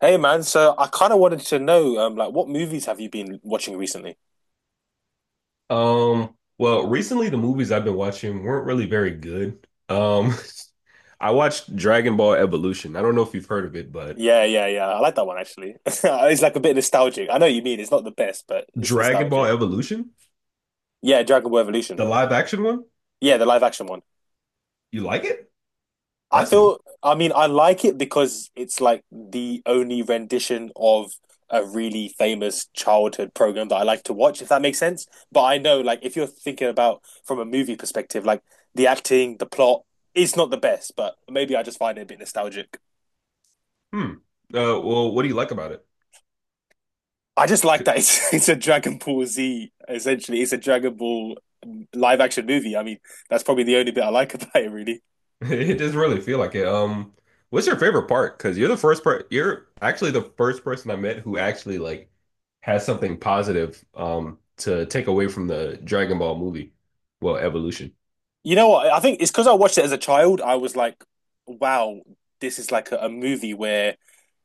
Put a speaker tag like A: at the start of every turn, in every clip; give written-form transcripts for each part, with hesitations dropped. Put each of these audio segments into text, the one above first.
A: Hey man, so I kind of wanted to know, like, what movies have you been watching recently?
B: Recently the movies I've been watching weren't really very good. I watched Dragon Ball Evolution. I don't know if you've heard of it, but
A: Yeah, yeah, yeah, I like that one actually. It's like a bit nostalgic. I know what you mean, it's not the best, but it's
B: Dragon Ball
A: nostalgic.
B: Evolution,
A: Yeah, Dragon Ball Evolution.
B: the live action one,
A: Yeah, the live action one.
B: you like it?
A: I
B: That's new.
A: feel, I like it because it's like the only rendition of a really famous childhood program that I like to watch, if that makes sense. But I know, like, if you're thinking about from a movie perspective, like the acting, the plot, it's not the best, but maybe I just find it a bit nostalgic.
B: Hmm. What do you like about it?
A: I just like
B: C-
A: that it's it's a Dragon Ball Z essentially. It's a Dragon Ball live action movie. I mean, that's probably the only bit I like about it, really.
B: It doesn't really feel like it. What's your favorite part? You're actually the first person I met who actually has something positive to take away from the Dragon Ball movie. Well, Evolution.
A: You know what? I think it's because I watched it as a child. I was like, wow, this is like a movie where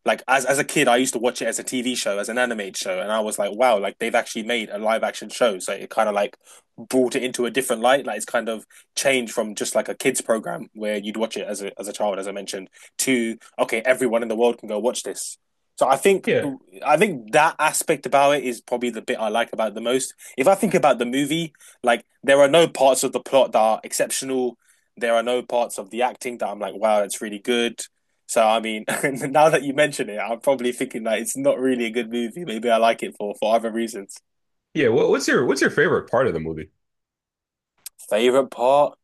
A: like as a kid, I used to watch it as a TV show, as an animated show, and I was like, wow, like they've actually made a live action show. So it kind of like brought it into a different light. Like it's kind of changed from just like a kids program where you'd watch it as a child, as I mentioned, to okay, everyone in the world can go watch this. So
B: Yeah.
A: I think that aspect about it is probably the bit I like about it the most. If I think about the movie, like there are no parts of the plot that are exceptional. There are no parts of the acting that I'm like, wow, that's really good. So I mean, now that you mention it, I'm probably thinking that it's not really a good movie. Maybe I like it for other reasons.
B: What's your favorite part of the movie?
A: Favorite part?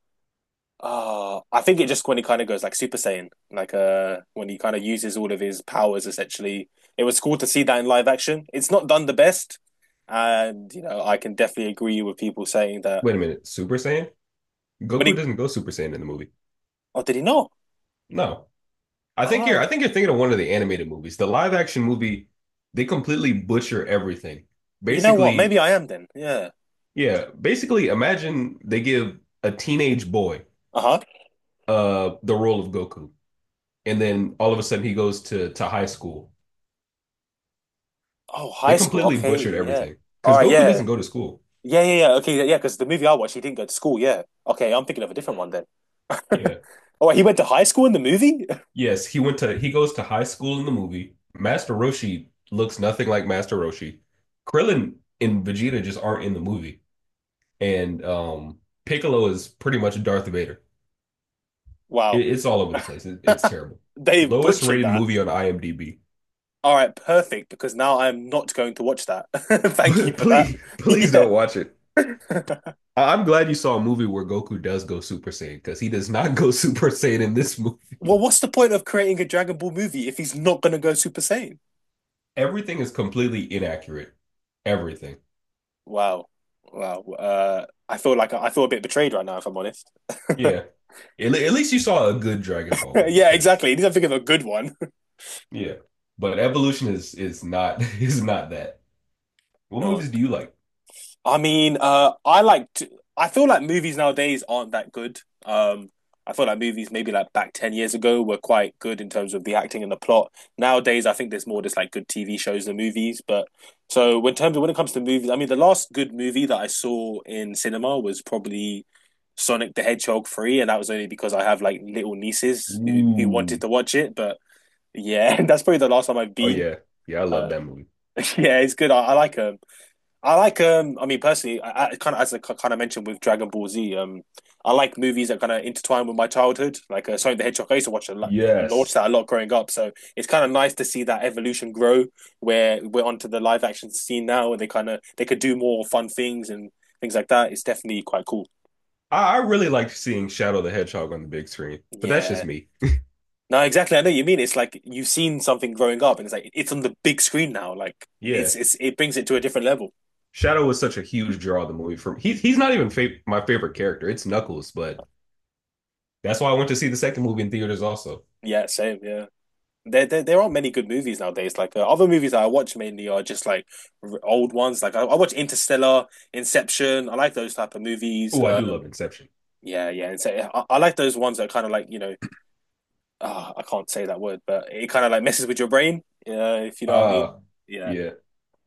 A: I think it just when he kind of goes like Super Saiyan, like when he kind of uses all of his powers. Essentially, it was cool to see that in live action. It's not done the best, and you know I can definitely agree with people saying that
B: Wait a minute, Super Saiyan?
A: when
B: Goku
A: he.
B: doesn't go Super Saiyan in the movie.
A: Oh, did he not?
B: No. I think you're
A: Oh,
B: I think you're thinking of one of the animated movies. The live action movie, they completely butcher everything.
A: you know what?
B: Basically,
A: Maybe I am then. Yeah.
B: yeah, basically imagine they give a teenage boy
A: Uh huh.
B: the role of Goku and then all of a sudden he goes to high school.
A: Oh,
B: They
A: high school.
B: completely
A: Okay.
B: butchered
A: Yeah.
B: everything
A: All
B: cuz
A: right.
B: Goku
A: Yeah.
B: doesn't go to school.
A: Yeah, yeah, yeah. Okay, yeah, because the movie I watched, he didn't go to school. Yeah. Okay, I'm thinking of a different one then.
B: Yeah.
A: Oh, wait, he went to high school in the movie?
B: Yes, he goes to high school in the movie. Master Roshi looks nothing like Master Roshi. Krillin and Vegeta just aren't in the movie, and Piccolo is pretty much Darth Vader.
A: Wow.
B: It's all over the place. It's terrible.
A: They
B: Lowest
A: butchered
B: rated
A: that.
B: movie on IMDb.
A: All right, perfect, because now I'm not going to watch that. Thank you for that.
B: Please, please
A: Yeah.
B: don't watch it. I'm glad you saw a movie where Goku does go Super Saiyan because he does not go Super Saiyan in this movie.
A: Well, what's the point of creating a Dragon Ball movie if he's not going to go Super Saiyan?
B: Everything is completely inaccurate. Everything.
A: Wow. Wow. I feel like I feel a bit betrayed right now, if I'm honest.
B: Yeah. At least you saw a good Dragon Ball movie
A: Yeah,
B: because
A: exactly. He doesn't think of a good one.
B: yeah. But Evolution is not is not that. What
A: Oh,
B: movies do you like?
A: I like to, I feel like movies nowadays aren't that good. Um, I feel like movies maybe like back 10 years ago were quite good in terms of the acting and the plot. Nowadays, I think there's more just like good TV shows than movies. But so when terms of when it comes to movies, I mean, the last good movie that I saw in cinema was probably Sonic the Hedgehog 3, and that was only because I have like little nieces who
B: Ooh.
A: wanted to watch it. But yeah, that's probably the last time I've
B: Oh
A: been.
B: yeah. Yeah, I love
A: Uh,
B: that movie.
A: yeah, it's good. I like 'em. I like I mean personally I kind of as I kind of mentioned with Dragon Ball Z, I like movies that kind of intertwine with my childhood, like Sonic the Hedgehog. I used to watch
B: Yes.
A: that a lot growing up, so it's kind of nice to see that evolution grow, where we're onto the live action scene now, and they kind of they could do more fun things and things like that. It's definitely quite cool.
B: I really liked seeing Shadow the Hedgehog on the big screen, but that's just
A: Yeah,
B: me.
A: no exactly, I know what you mean. It's like you've seen something growing up and it's like it's on the big screen now, like
B: Yeah.
A: it brings it to a different level.
B: Shadow was such a huge draw of the movie for me. He's not even fa my favorite character. It's Knuckles, but that's why I went to see the second movie in theaters also.
A: Yeah, same, yeah. There aren't many good movies nowadays. Like other movies that I watch mainly are just like old ones. Like I watch Interstellar, Inception. I like those type of movies.
B: Oh, I do love Inception.
A: Yeah, yeah. And so I like those ones that kind of like, you know, I can't say that word, but it kind of like messes with your brain. If you know what I mean.
B: Uh,
A: Yeah.
B: yeah.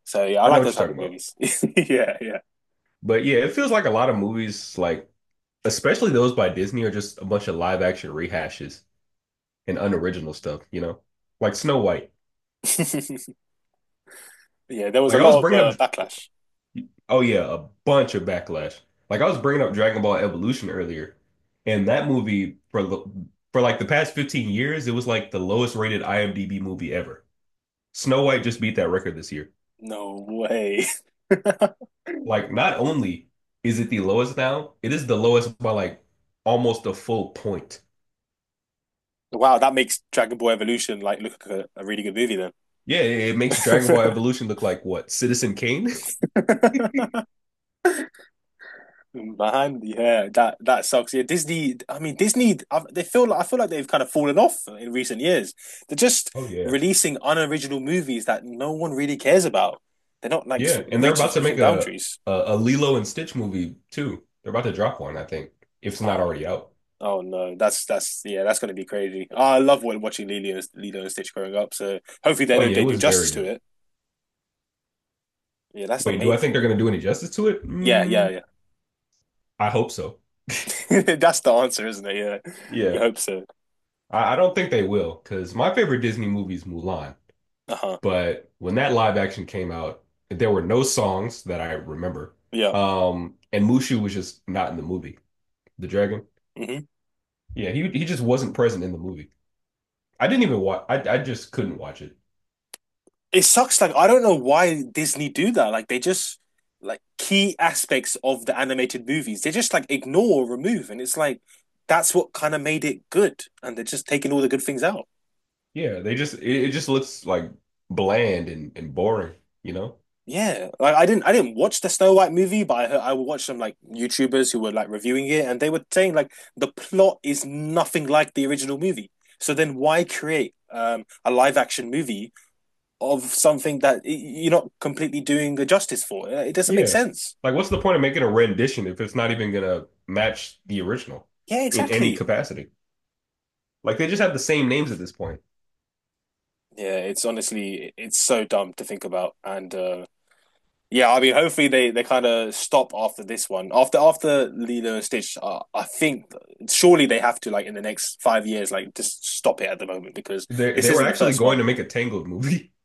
A: So yeah, I
B: I know
A: like
B: what
A: those
B: you're
A: type of
B: talking about.
A: movies. Yeah, yeah,
B: But yeah, it feels like a lot of movies especially those by Disney are just a bunch of live action rehashes and unoriginal stuff, you know, like Snow White.
A: yeah. There was a
B: Like I was
A: lot of
B: bringing up,
A: backlash.
B: oh yeah, a bunch of backlash. Like I was bringing up Dragon Ball Evolution earlier, and that movie for like the past 15 years, it was like the lowest rated IMDb movie ever. Snow White just beat that record this year.
A: No way.
B: Like not only is it the lowest now, it is the lowest by like almost a full point.
A: Wow, that makes Dragon Ball Evolution like look like a really good movie
B: Yeah, it makes Dragon Ball
A: then.
B: Evolution look like what, Citizen Kane?
A: Man, yeah, that that sucks. Yeah, Disney. I mean, Disney. They feel like I feel like they've kind of fallen off in recent years. They're just
B: Oh yeah.
A: releasing unoriginal movies that no one really cares about. They're not like
B: Yeah, and they're
A: reaching
B: about to
A: switching
B: make a,
A: boundaries.
B: a a Lilo and Stitch movie too. They're about to drop one, I think, if it's not
A: Oh,
B: already out.
A: oh no, that's yeah, that's gonna be crazy. Oh, I love watching Lilo, Lilo and Stitch growing up. So hopefully
B: Oh yeah,
A: they
B: it
A: do
B: was
A: justice
B: very
A: to
B: good.
A: it. Yeah, that's the
B: Wait, do I
A: main
B: think
A: thing.
B: they're gonna do any justice to it?
A: Yeah,
B: Mm,
A: yeah,
B: I hope so.
A: yeah. That's the answer, isn't it? Yeah, we
B: Yeah,
A: hope so.
B: I don't think they will, because my favorite Disney movie is Mulan.
A: Uh huh.
B: But when that live action came out, there were no songs that I remember.
A: Yeah.
B: And Mushu was just not in the movie. The dragon.
A: Mhm.
B: Yeah, he just wasn't present in the movie. I didn't even watch. I just couldn't watch it.
A: It sucks. Like, I don't know why Disney do that. Like, they just like key aspects of the animated movies, they just like ignore or remove. And it's like that's what kind of made it good. And they're just taking all the good things out.
B: Yeah, it just looks like bland and boring, you know?
A: Yeah. Like I didn't watch the Snow White movie, but I heard, I watched some like YouTubers who were like reviewing it, and they were saying like the plot is nothing like the original movie. So then why create a live action movie of something that you're not completely doing a justice for? It doesn't make
B: Yeah.
A: sense.
B: Like what's the point of making a rendition if it's not even gonna match the original
A: Yeah,
B: in any
A: exactly.
B: capacity? Like they just have the same names at this point.
A: Yeah, it's honestly it's so dumb to think about, and yeah, I mean, hopefully they kind of stop after this one. After Lilo and Stitch, I think surely they have to like in the next 5 years, like just stop it at the moment because
B: They
A: this
B: they were
A: isn't the
B: actually
A: first
B: going
A: one.
B: to make a Tangled movie.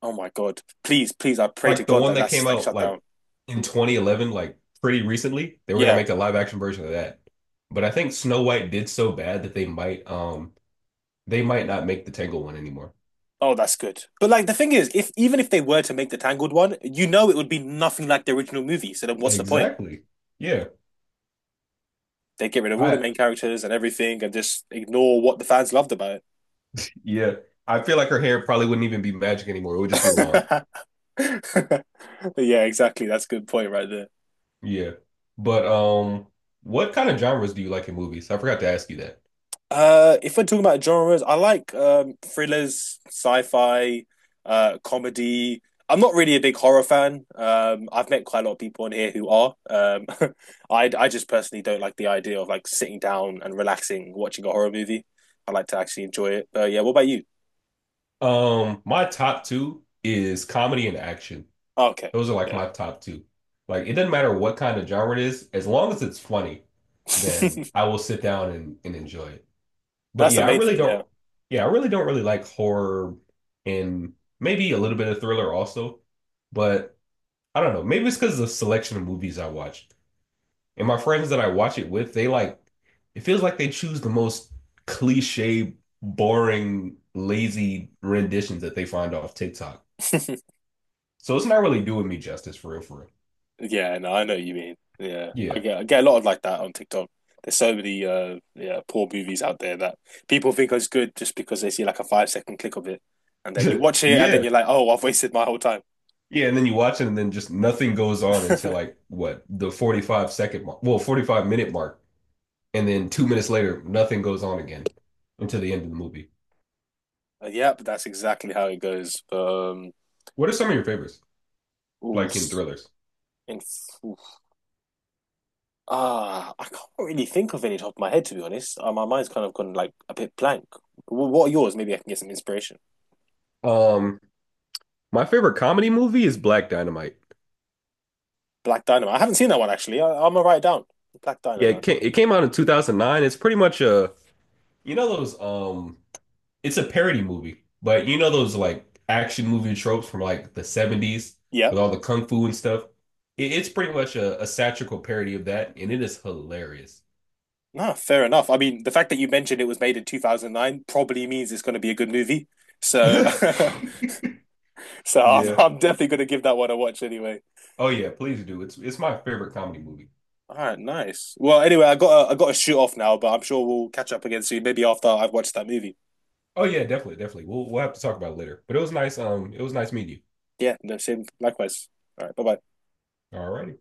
A: Oh my God! Please, please, I pray to
B: Like the
A: God
B: one
A: that
B: that came
A: that's like
B: out
A: shut down.
B: in 2011, like pretty recently, they were gonna
A: Yeah.
B: make a live action version of that. But I think Snow White did so bad that they might not make the Tangled one anymore.
A: Oh, that's good. But like the thing is, if even if they were to make the Tangled one, you know it would be nothing like the original movie. So then, what's the point?
B: Exactly. Yeah.
A: They get rid of all the
B: I
A: main characters and everything, and just ignore what the fans loved about
B: yeah. I feel like her hair probably wouldn't even be magic anymore. It would just be long.
A: it. Yeah, exactly. That's a good point right there.
B: Yeah. But what kind of genres do you like in movies? I forgot to ask you that.
A: If we're talking about genres, I like thrillers, sci-fi, comedy. I'm not really a big horror fan. I've met quite a lot of people on here who are. I just personally don't like the idea of like sitting down and relaxing watching a horror movie. I like to actually enjoy it. But yeah, what about you?
B: Um, my top 2 is comedy and action.
A: Oh, okay,
B: Those are like
A: yeah,
B: my top 2. Like it doesn't matter what kind of genre it is, as long as it's funny, then
A: that's
B: I will sit down and enjoy it. But
A: the
B: yeah,
A: main thing. Yeah.
B: I really don't really like horror and maybe a little bit of thriller also, but I don't know. Maybe it's because of the selection of movies I watch. And my friends that I watch it with, it feels like they choose the most cliche, boring, lazy renditions that they find off TikTok. So it's not really doing me justice for real, for
A: Yeah, no, I know what you mean. Yeah,
B: real.
A: I get a lot of like that on TikTok. There's so many yeah poor movies out there that people think is good just because they see like a 5 second click of it, and then you
B: Yeah.
A: watch it and then
B: Yeah.
A: you're like, oh, I've wasted my whole time.
B: Yeah. And then you watch it and then just nothing goes on until like what, the 45 second mark, well, 45-minute mark. And then 2 minutes later, nothing goes on again until the end of the movie.
A: Yep, that's exactly how it goes.
B: What are some of your favorites?
A: Ooh,
B: Like in
A: s-
B: thrillers.
A: in, oof. Ah, I can't really think of any top of my head to be honest. My mind's kind of gone like a bit blank. What are yours? Maybe I can get some inspiration.
B: Um, my favorite comedy movie is Black Dynamite.
A: Black Dynamite. I haven't seen that one actually. I'm gonna write it down. Black
B: Yeah,
A: Dynamite.
B: it came out in 2009. It's pretty much you know those it's a parody movie, but you know those like action movie tropes from like the 70s
A: Yep.
B: with all the kung fu and stuff. It's pretty much a satirical parody of that, and it is hilarious.
A: No, fair enough. I mean, the fact that you mentioned it was made in 2009 probably means it's going to be a good movie. So, so
B: Yeah.
A: I'm definitely going to give that one a watch anyway.
B: Oh yeah, please do. It's my favorite comedy movie.
A: All right, nice. Well, anyway, I got to shoot off now, but I'm sure we'll catch up again soon, maybe after I've watched that movie.
B: Oh yeah, definitely, definitely. We'll have to talk about it later. But it was nice meeting
A: Yeah, no, same, likewise. All right, bye bye.
B: you. All righty.